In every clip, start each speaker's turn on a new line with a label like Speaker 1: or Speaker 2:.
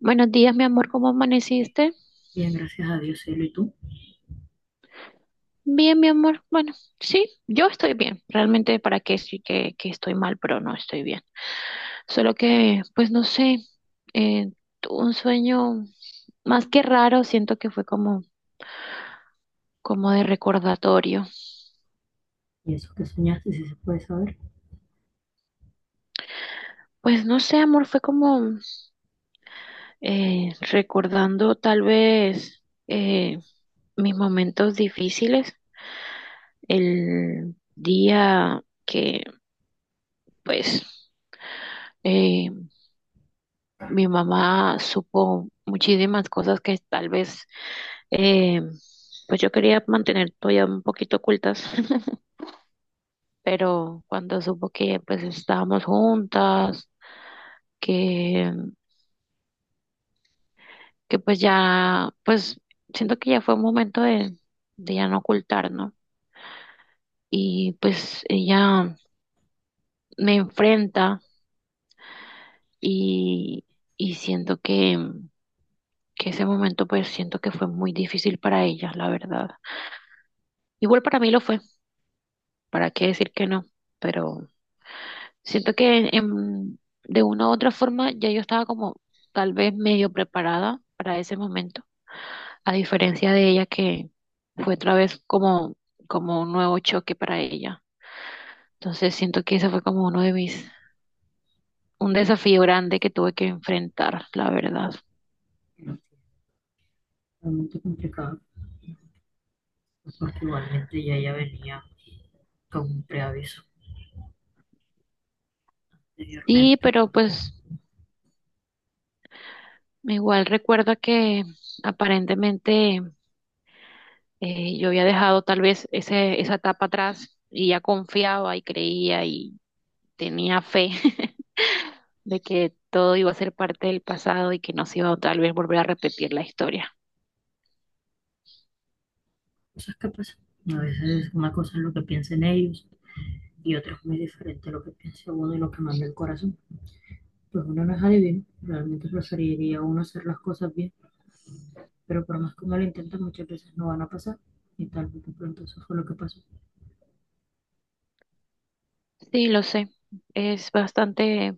Speaker 1: Buenos días, mi amor, ¿cómo amaneciste?
Speaker 2: Bien, gracias a Dios, cielo, ¿y tú?
Speaker 1: Bien, mi amor. Bueno, sí, yo estoy bien. Realmente, ¿para qué sí que estoy mal, pero no estoy bien? Solo que, pues no sé, eh, tuve un sueño más que raro, siento que fue como, como de recordatorio.
Speaker 2: ¿Y eso que soñaste, si se puede saber?
Speaker 1: Pues no sé, amor, fue como recordando tal vez mis momentos difíciles, el día que, pues... eh, Mi mamá supo muchísimas cosas que tal vez, eh, pues yo quería mantener todavía un poquito ocultas, pero cuando supo que pues estábamos juntas, que, que pues ya, pues siento que ya fue un momento de ya no ocultar, ¿no? Y pues ella me enfrenta y, y siento que ese momento pues siento que fue muy difícil para ella, la verdad. Igual para mí lo fue. ¿Para qué decir que no? Pero siento que de una u otra forma ya yo estaba como tal vez medio preparada para ese momento, a diferencia de ella que fue otra vez como, como un nuevo choque para ella. Entonces siento que ese fue como uno de mis, un desafío grande que tuve que enfrentar, la verdad.
Speaker 2: No, realmente complicado, porque igualmente ya ella venía con un preaviso
Speaker 1: Sí,
Speaker 2: anteriormente.
Speaker 1: pero pues igual recuerdo que aparentemente yo había dejado tal vez esa etapa atrás y ya confiaba y creía y tenía fe de que todo iba a ser parte del pasado y que no se iba a tal vez volver a repetir la historia.
Speaker 2: Cosas que pasan. A veces una cosa es lo que piensen ellos y otra es muy diferente a lo que piensa uno y lo que manda el corazón. Pues uno no es adivino, realmente preferiría uno hacer las cosas bien, pero por más que uno lo intenta, muchas veces no van a pasar. Y tal vez de pronto eso fue lo que pasó.
Speaker 1: Sí, lo sé, es bastante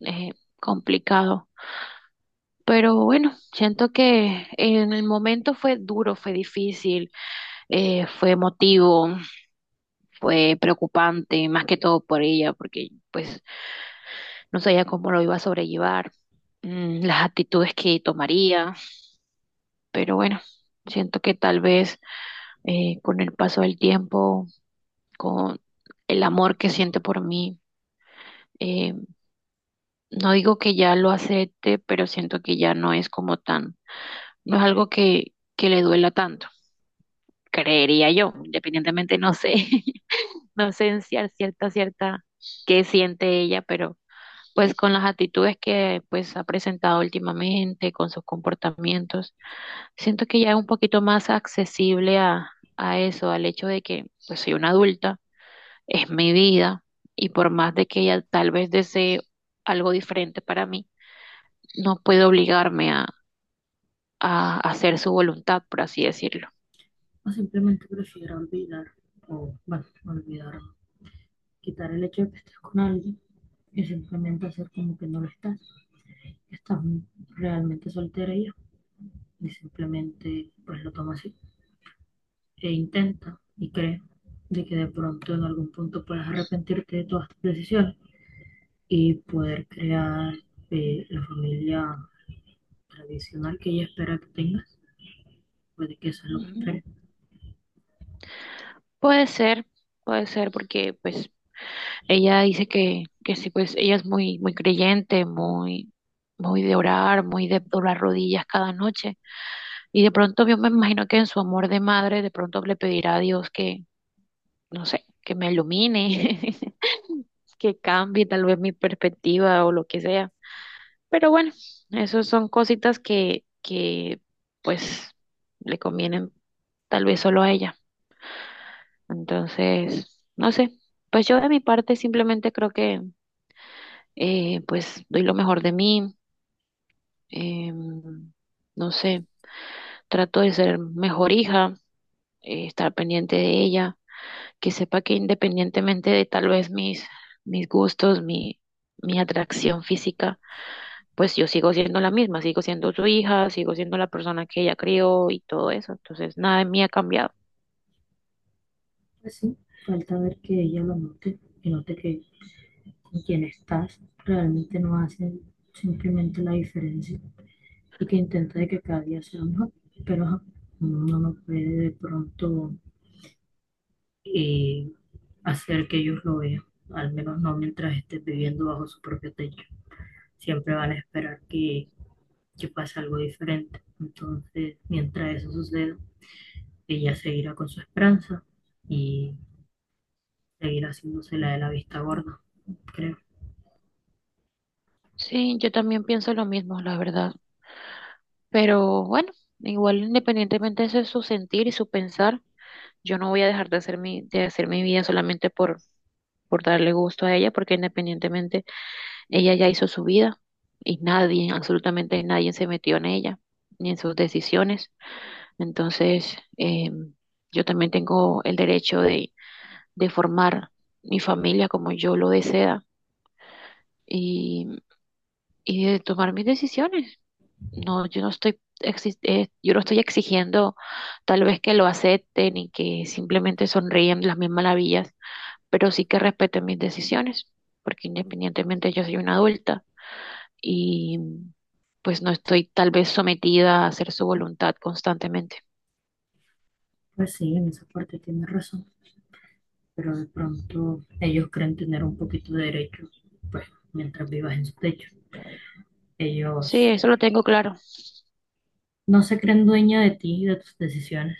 Speaker 1: eh, complicado, pero bueno, siento que en el momento fue duro, fue difícil, fue emotivo, fue preocupante, más que todo por ella, porque pues no sabía cómo lo iba a sobrellevar, las actitudes que tomaría, pero bueno. Siento que tal vez con el paso del tiempo con el amor que siente por mí. Eh, no digo que ya lo acepte, pero siento que ya no es como tan, no es algo que le duela tanto, creería yo, independientemente, no sé, no sé en cierta, qué siente ella, pero pues con las actitudes que pues ha presentado últimamente, con sus comportamientos, siento que ya es un poquito más accesible a eso, al hecho de que pues soy una adulta, es mi vida y por más de que ella tal vez desee algo diferente para mí, no puedo obligarme a hacer su voluntad, por así decirlo.
Speaker 2: O simplemente prefiero olvidar, o bueno, olvidar quitar el hecho de que estés con alguien y simplemente hacer como que no lo estás, que estás realmente soltera y simplemente pues lo toma así e intenta y cree de que de pronto en algún punto puedas arrepentirte de todas tus decisiones y poder crear la familia tradicional que ella espera que tengas, puede que eso es lo que
Speaker 1: Ujú.
Speaker 2: espera.
Speaker 1: Puede ser, puede ser porque pues ella dice que sí, pues ella es muy, muy creyente, muy, muy de orar, muy de doblar rodillas cada noche. Y de pronto yo me imagino que en su amor de madre, de pronto le pedirá a Dios que, no sé, que me ilumine, que cambie tal vez mi perspectiva o lo que sea. Pero bueno, esas son cositas que pues le convienen tal vez solo a ella. Entonces, no sé, pues yo de mi parte simplemente creo que pues doy lo mejor de mí, em, no sé, trato de ser mejor hija, estar pendiente de ella, que sepa que independientemente de tal vez mis, mis gustos, mi atracción física, pues yo sigo siendo la misma, sigo siendo su hija, sigo siendo la persona que ella crió y todo eso. Entonces, nada de mí ha cambiado.
Speaker 2: Así, falta ver que ella lo note y note que con quien estás realmente no hace simplemente la diferencia y que intente de que cada día sea mejor, pero ajá, uno no puede de pronto eh, hacer que ellos lo vean, al menos no mientras estés viviendo bajo su propio techo. Siempre van a esperar que pase algo diferente. Entonces, mientras eso suceda, ella seguirá con su esperanza y seguirá haciéndose la de la vista gorda, creo.
Speaker 1: Sí, yo también pienso lo mismo, la verdad. Pero bueno, igual independientemente de eso es su sentir y su pensar, yo no voy a dejar de hacer mi vida solamente por darle gusto a ella, porque independientemente ella ya hizo su vida y nadie, absolutamente nadie se metió en ella ni en sus decisiones. Entonces, yo también tengo el derecho de formar mi familia como yo lo desea y, y de tomar mis decisiones. No, yo no estoy exigiendo tal vez que lo acepten y que simplemente sonríen las mismas maravillas, pero sí que respeten mis decisiones, porque independientemente yo soy una adulta y pues no estoy tal vez sometida a hacer su voluntad constantemente.
Speaker 2: Pues sí, en esa parte tienes razón, pero de pronto ellos creen tener un poquito de derecho, pues mientras vivas en su techo.
Speaker 1: Sí,
Speaker 2: Ellos
Speaker 1: eso lo tengo claro.
Speaker 2: no se creen dueña de ti y de tus decisiones,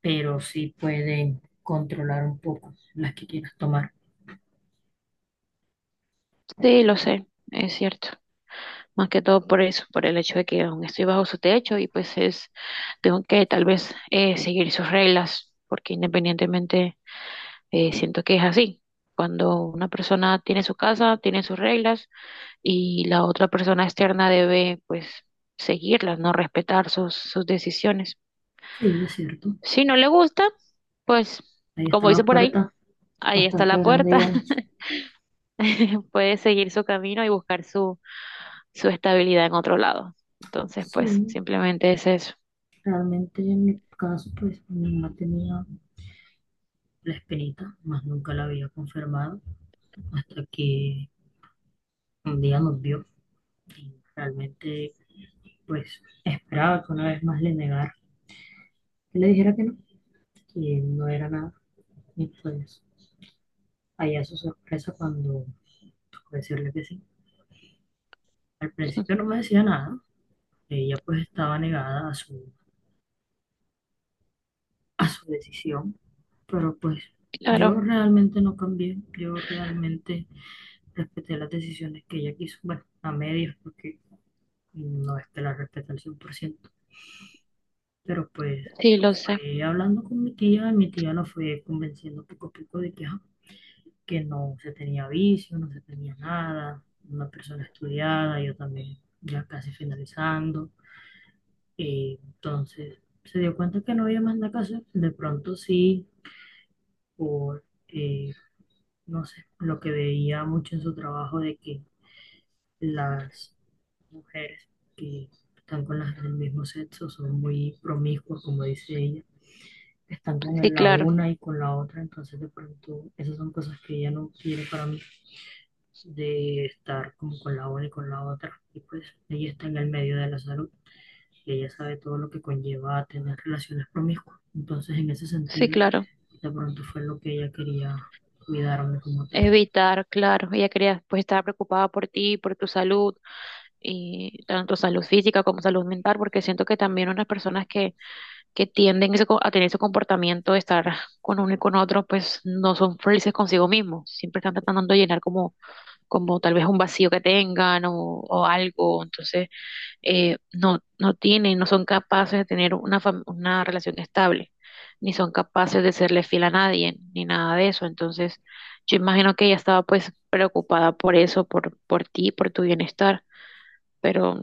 Speaker 2: pero sí pueden controlar un poco las que quieras tomar.
Speaker 1: Sí, lo sé, es cierto. Más que todo por eso, por el hecho de que aún estoy bajo su techo y pues es, tengo que tal vez seguir sus reglas, porque independientemente siento que es así. Cuando una persona tiene su casa, tiene sus reglas y la otra persona externa debe pues seguirlas, no respetar sus, sus decisiones.
Speaker 2: Sí, es cierto.
Speaker 1: Si no le gusta, pues
Speaker 2: Ahí está
Speaker 1: como
Speaker 2: la
Speaker 1: dice por ahí,
Speaker 2: puerta,
Speaker 1: ahí está
Speaker 2: bastante
Speaker 1: la
Speaker 2: grande
Speaker 1: puerta.
Speaker 2: y ancha.
Speaker 1: Puede seguir su camino y buscar su, su estabilidad en otro lado. Entonces, pues
Speaker 2: Sí,
Speaker 1: simplemente es eso.
Speaker 2: realmente en mi caso, pues mi mamá tenía la espinita, más nunca la había confirmado hasta que un día nos vio y realmente, pues esperaba que una vez más le negara, que le dijera que no era nada. Y pues, allá su sorpresa cuando tocó decirle que sí. Al principio no me decía nada, ella pues estaba negada a su decisión, pero pues yo
Speaker 1: Claro,
Speaker 2: realmente no cambié, yo realmente respeté las decisiones que ella quiso, bueno, a medias porque no es que la respete al 100% pero pues
Speaker 1: sí, lo sé.
Speaker 2: fue hablando con mi tía la fue convenciendo poco a poco de que, ajá, que no se tenía vicio, no se tenía nada, una persona estudiada, yo también ya casi finalizando. Y entonces se dio cuenta que no había más nada que hacer. De pronto sí, por, no sé, lo que veía mucho en su trabajo de que las mujeres que están con las del mismo sexo son muy promiscuas, como dice ella, están con
Speaker 1: Sí,
Speaker 2: la
Speaker 1: claro,
Speaker 2: una y con la otra, entonces de pronto esas son cosas que ella no quiere para mí, de estar como con la una y con la otra. Y pues ella está en el medio de la salud, que ella sabe todo lo que conlleva tener relaciones promiscuas. Entonces, en ese
Speaker 1: sí,
Speaker 2: sentido,
Speaker 1: claro.
Speaker 2: de pronto fue lo que ella quería cuidarme como tal.
Speaker 1: Evitar, claro. Ella quería pues estar preocupada por ti, por tu salud, y tanto salud física como salud mental, porque siento que también unas personas que tienden a tener ese comportamiento de estar con uno y con otro, pues no son felices consigo mismos. Siempre están tratando de llenar como, como tal vez un vacío que tengan o algo. Entonces, no, no tienen, no son capaces de tener una, una relación estable, ni son capaces de serle fiel a nadie, ni nada de eso. Entonces, yo imagino que ella estaba pues preocupada por eso, por ti, por tu bienestar. Pero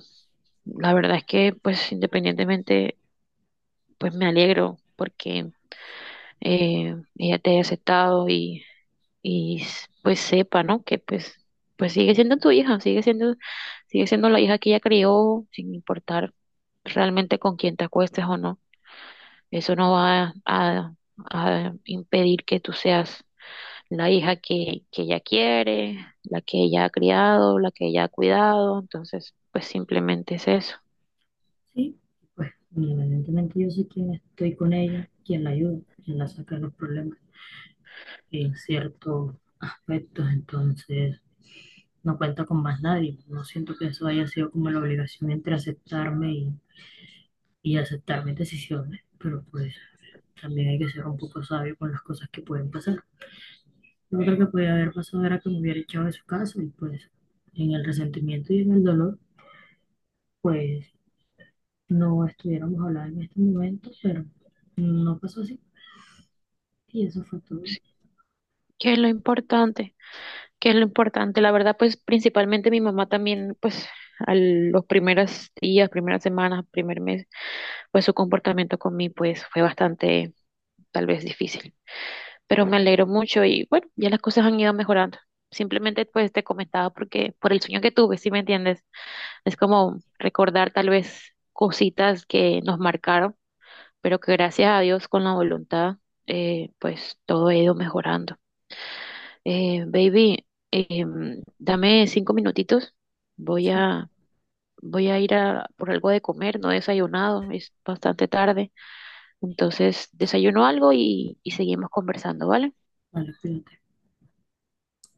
Speaker 1: la verdad es que pues independientemente, pues me alegro porque ella te haya aceptado y, pues sepa, ¿no? Que pues, pues sigue siendo tu hija, sigue siendo la hija que ella crió, sin importar realmente con quién te acuestes o no. Eso no va a impedir que tú seas la hija que ella quiere, la que ella ha criado, la que ella ha cuidado. Entonces, pues simplemente es eso.
Speaker 2: Sí, pues independientemente yo sé quién estoy con ella, quién la ayuda, quién la saca de los problemas en ciertos aspectos, entonces no cuenta con más nadie. No siento que eso haya sido como la obligación entre aceptarme y aceptar mis decisiones, pero pues también hay que ser un poco sabio con las cosas que pueden pasar. Yo creo que podía haber pasado era que me hubiera echado de su casa y pues en el resentimiento y en el dolor, pues no estuviéramos hablando en este momento, pero no pasó así y eso fue todo.
Speaker 1: Sí, ¿qué es lo importante? Que es lo importante. La verdad, pues principalmente mi mamá también, pues a los primeros días, primeras semanas, primer mes, pues su comportamiento con mí, pues fue bastante, tal vez difícil. Pero me alegro mucho y bueno, ya las cosas han ido mejorando. Simplemente pues te comentaba porque por el sueño que tuve, si me entiendes, es como recordar tal vez cositas que nos marcaron, pero que gracias a Dios con la voluntad, pues todo ha ido mejorando. Baby, dame 5 minutitos. Voy
Speaker 2: Sí,
Speaker 1: a, voy a ir a por algo de comer. No he desayunado, es bastante tarde. Entonces, desayuno algo y seguimos conversando, ¿vale?
Speaker 2: vale, cuídate.